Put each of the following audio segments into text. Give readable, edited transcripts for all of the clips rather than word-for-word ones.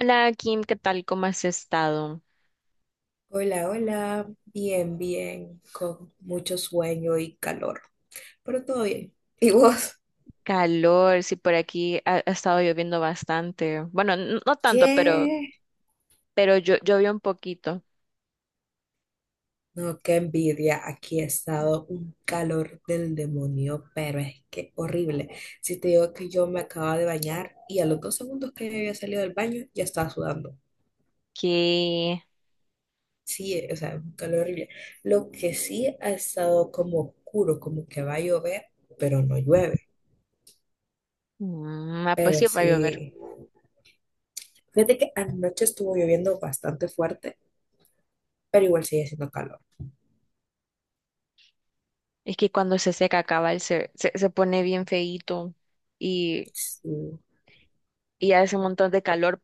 Hola Kim, ¿qué tal? ¿Cómo has estado? Hola, hola, bien, bien, con mucho sueño y calor, pero todo bien. ¿Y vos? Calor, sí, por aquí ha estado lloviendo bastante. Bueno, no tanto, ¿Qué? pero yo llovió un poquito. No, qué envidia, aquí ha estado un calor del demonio, pero es que horrible. Si te digo que yo me acababa de bañar y a los dos segundos que había salido del baño ya estaba sudando. Que, Sí, o sea, un calor horrible. Lo que sí ha estado como oscuro, como que va a llover, pero no llueve. mm, ah, pues Pero sí va a llover. sí, fíjate que anoche estuvo lloviendo bastante fuerte pero igual sigue siendo calor. Es que cuando se seca cabal se pone bien feíto y, Sí. y hace un montón de calor.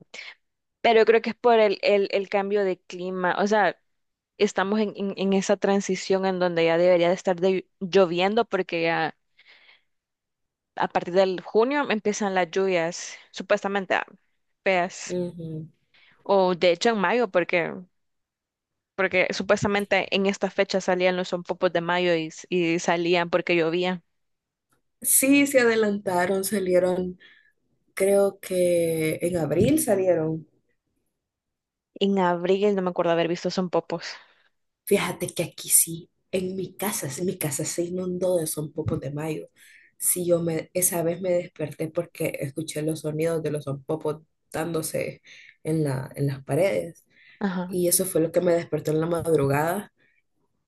Pero creo que es por el cambio de clima. O sea, estamos en esa transición en donde ya debería de estar lloviendo porque ya a partir del junio empiezan las lluvias supuestamente feas. Ujú. O de hecho en mayo, porque supuestamente en esta fecha salían los sonpopos de mayo y, y salían porque llovía. Sí, se adelantaron, salieron, creo que en abril salieron. En abril no me acuerdo haber visto sonpopos. Fíjate que aquí sí, en mi casa, sí, mi casa se inundó de zompopos de mayo. Sí, esa vez me desperté porque escuché los sonidos de los zompopos dándose en las paredes. Ajá. Y eso fue lo que me despertó en la madrugada.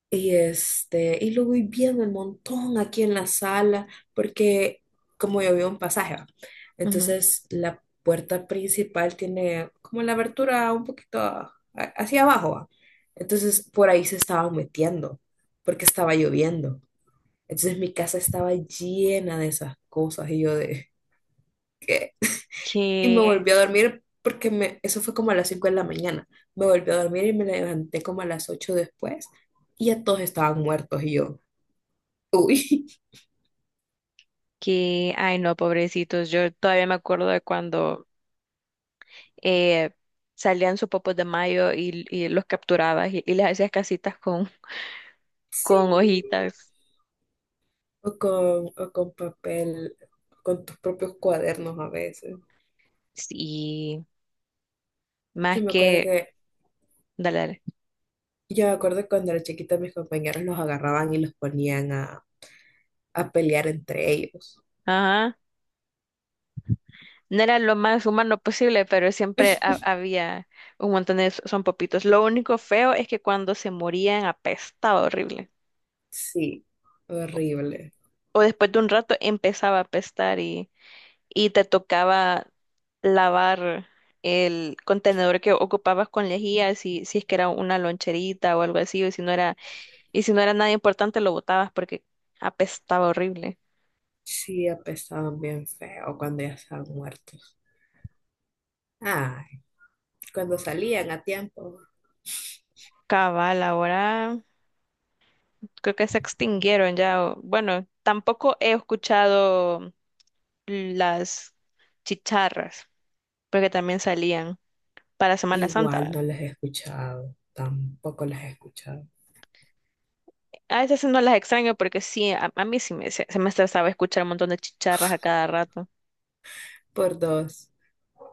Y lo voy viendo el montón aquí en la sala, porque como yo vivo en pasaje, ¿va? Ujú. Entonces la puerta principal tiene como la abertura un poquito hacia abajo, ¿va? Entonces por ahí se estaban metiendo, porque estaba lloviendo. Entonces mi casa estaba llena de esas cosas y yo de, ¿qué? Y me Que, volví a dormir eso fue como a las 5 de la mañana. Me volví a dormir y me levanté como a las 8 después y ya todos estaban muertos y yo. Uy, ay no, pobrecitos. Yo todavía me acuerdo de cuando eh, salían sonpopos de mayo y los capturabas y les hacías casitas con Sí. hojitas. O con papel, con tus propios cuadernos a veces. Sí, Yo más me acuerdo que... que, Dale, dale. yo me acuerdo cuando era chiquita mis compañeros los agarraban y los ponían a pelear entre ellos. Ajá. No era lo más humano posible, pero siempre había un montón de son popitos. Lo único feo es que cuando se morían apestaba horrible. Sí, horrible. O después de un rato empezaba a apestar y te tocaba lavar el contenedor que ocupabas con lejía, si, si es que era una loncherita o algo así, o si no era, y si no era nada importante lo botabas porque apestaba horrible. Sí, apestaban bien feo cuando ya estaban muertos. Ay, cuando salían a tiempo, Cabal, ahora creo que se extinguieron ya. Bueno, tampoco he escuchado las chicharras, porque también salían para Semana Santa, igual ¿verdad? no les he escuchado, tampoco les he escuchado. A veces no las extraño porque sí, a mí sí me, se me estresaba escuchar un montón de chicharras a cada rato. Por dos,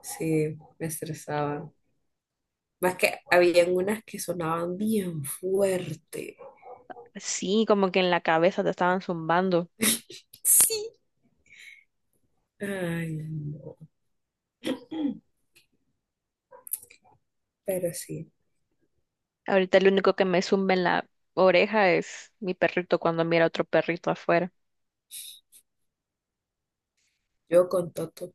sí, me estresaban. Más que habían unas que sonaban bien fuerte. Sí, como que en la cabeza te estaban zumbando. Sí. Ay, no. Pero sí, Ahorita lo único que me zumba en la oreja es mi perrito cuando mira a otro perrito afuera. yo con Toto.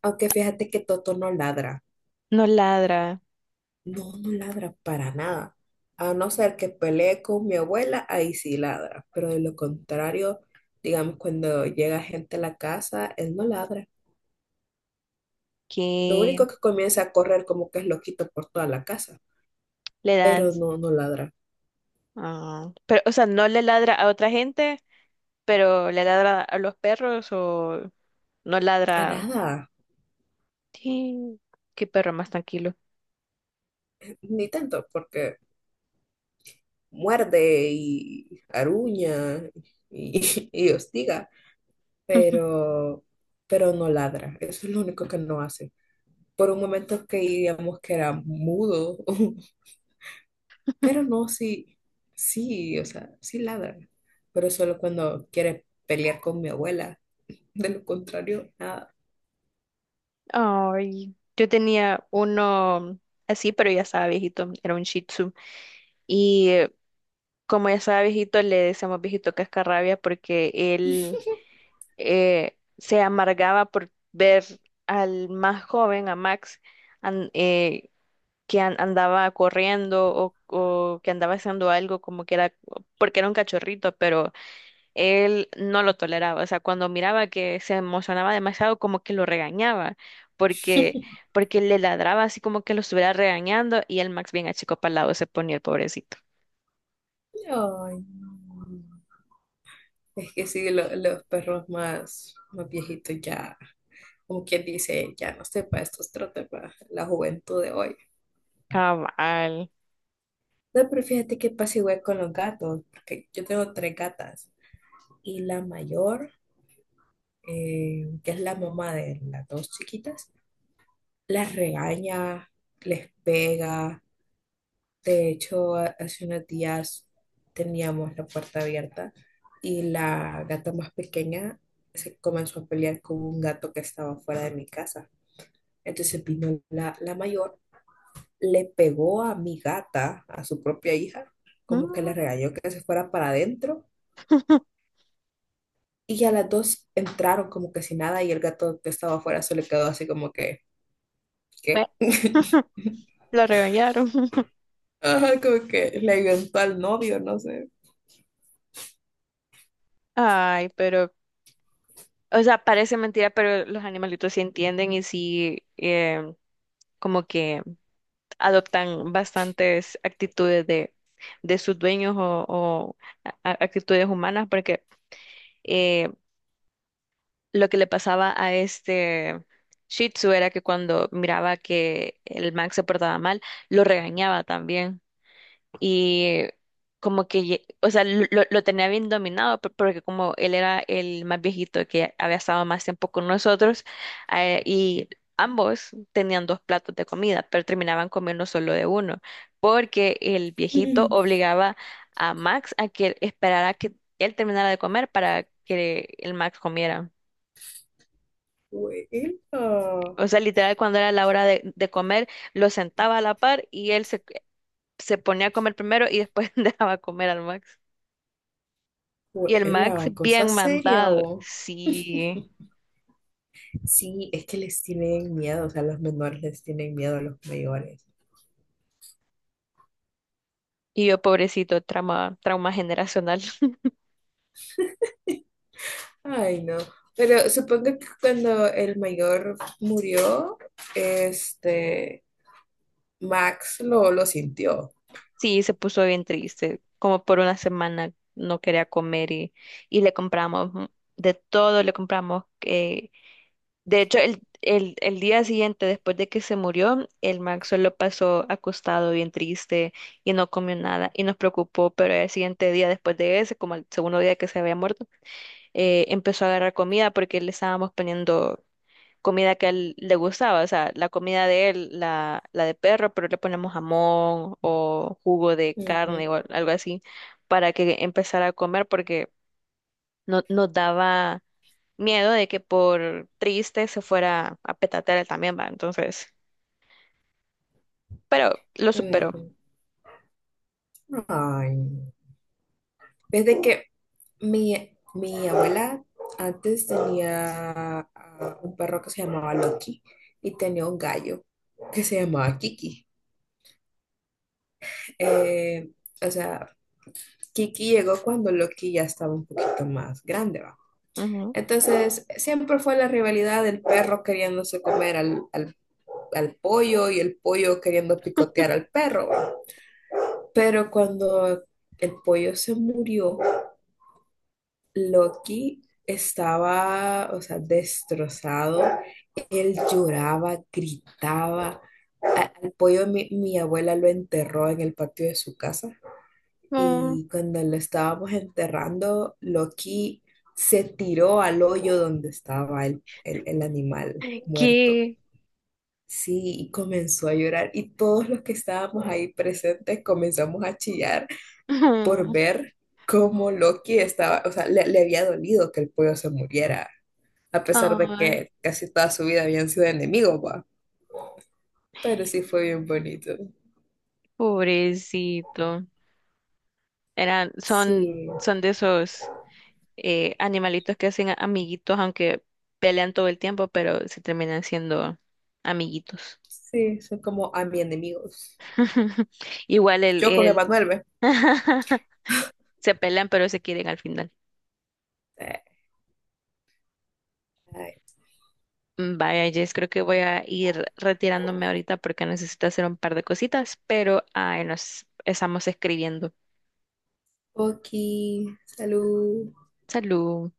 Aunque fíjate que Toto no ladra. No ladra, No, no ladra para nada. A no ser que pelee con mi abuela, ahí sí ladra. Pero de lo contrario, digamos, cuando llega gente a la casa, él no ladra. Lo que único que comienza a correr como que es loquito por toda la casa. le dan... Pero no, no ladra. Pero, o sea, no le ladra a otra gente, pero le ladra a los perros o no A ladra. nada. Sí, qué perro más tranquilo. Ni tanto, porque muerde y aruña y, y hostiga, pero, pero no ladra. Eso es lo único que no hace. Por un momento que digamos que era mudo, pero no, sí, sí, o sea, sí ladra, pero solo cuando quiere pelear con mi abuela. De lo contrario, nada. Ay, yo tenía uno así, pero ya estaba viejito, era un Shih Tzu. Y como ya estaba viejito, le decíamos viejito cascarrabia porque él se amargaba por ver al más joven, a Max, an- eh, andaba corriendo o que andaba haciendo algo como que era, porque era un cachorrito, pero él no lo toleraba, o sea, cuando miraba que se emocionaba demasiado, como que lo regañaba, porque, porque le ladraba así como que lo estuviera regañando y el Max bien achicopalado se ponía el pobrecito. Ay, no. Es que sí, los perros más viejitos ya, como quien dice, ya no sepa, estos trotes para la juventud de hoy. Cabal. No, pero fíjate que pasa igual con los gatos, porque yo tengo tres gatas y la mayor, que es la mamá de las dos chiquitas, las regaña, les pega. De hecho, hace unos días teníamos la puerta abierta y la gata más pequeña se comenzó a pelear con un gato que estaba fuera de mi casa. Entonces vino la mayor, le pegó a mi gata, a su propia hija, como que la Mm. regañó que se fuera para adentro. Y ya las dos entraron como que sin nada y el gato que estaba afuera se le quedó así como que, Bueno, ¿qué? lo regañaron. Ajá, como que le inventó al novio, no sé. Ay, pero o sea, parece mentira, pero los animalitos sí entienden y sí como que adoptan bastantes actitudes de sus dueños o actitudes humanas, porque lo que le pasaba a este Shih Tzu era que cuando miraba que el Max se portaba mal, lo regañaba también. Y como que, o sea, lo tenía bien dominado, porque como él era el más viejito que había estado más tiempo con nosotros, y ambos tenían dos platos de comida, pero terminaban comiendo solo de uno, porque el viejito Fue obligaba a Max a que esperara que él terminara de comer para que el Max comiera. la, O sea, literal, cuando era la hora de comer, lo sentaba a la par y él se ponía a comer primero y después dejaba comer al Max. Y el Max Cosa bien seria mandado, o. sí. Sí, es que les tienen miedo, o sea, los menores les tienen miedo a los mayores. Y yo, pobrecito, trauma generacional. Ay, no. Pero supongo que cuando el mayor murió, este, Max lo sintió. Sí, se puso bien triste. Como por una semana no quería comer y le compramos de todo, le compramos de hecho, el día siguiente, después de que se murió, el Max solo pasó acostado, bien triste, y no comió nada, y nos preocupó, pero el siguiente día, después de ese, como el segundo día que se había muerto, empezó a agarrar comida porque le estábamos poniendo comida que a él le gustaba, o sea, la comida de él, la de perro, pero le ponemos jamón o jugo de Ujú, carne o algo así, para que empezara a comer porque no, nos daba miedo de que por triste se fuera a petatear él también, va. Entonces, pero lo superó. ujú. Ay, no. Es de que mi abuela antes tenía un perro que se llamaba Loki y tenía un gallo que se llamaba Kiki. Eh, o sea, Kiki llegó cuando Loki ya estaba un poquito más grande, ¿va? Ujú. Entonces, siempre fue la rivalidad del perro queriéndose comer al pollo y el pollo queriendo picotear al perro, ¿va? Pero cuando el pollo se murió, Loki estaba, o sea, destrozado. Él lloraba, gritaba. Al pollo mi abuela lo enterró en el patio de su casa Mm, y cuando lo estábamos enterrando, Loki se tiró al hoyo donde estaba el animal muerto. ¿qué? Sí, y comenzó a llorar y todos los que estábamos ahí presentes comenzamos a chillar por Ujú. ver cómo Loki estaba, o sea, le había dolido que el pollo se muriera a pesar de Ay, que casi toda su vida habían sido enemigos, va. Pero sí fue bien bonito. pobrecito. Eran, son, Sí, son de esos animalitos que hacen amiguitos, aunque pelean todo el tiempo, pero se terminan siendo amiguitos. sí, son como a mi enemigos. Igual Yo con el Emanuel, ¿ve? se pelean, pero se quieren al final. Eh, ay. Mm, vaya, Jess, creo que voy a ir retirándome ahorita porque necesito hacer un par de cositas, pero ahí nos estamos escribiendo. Oki, salud. Salud.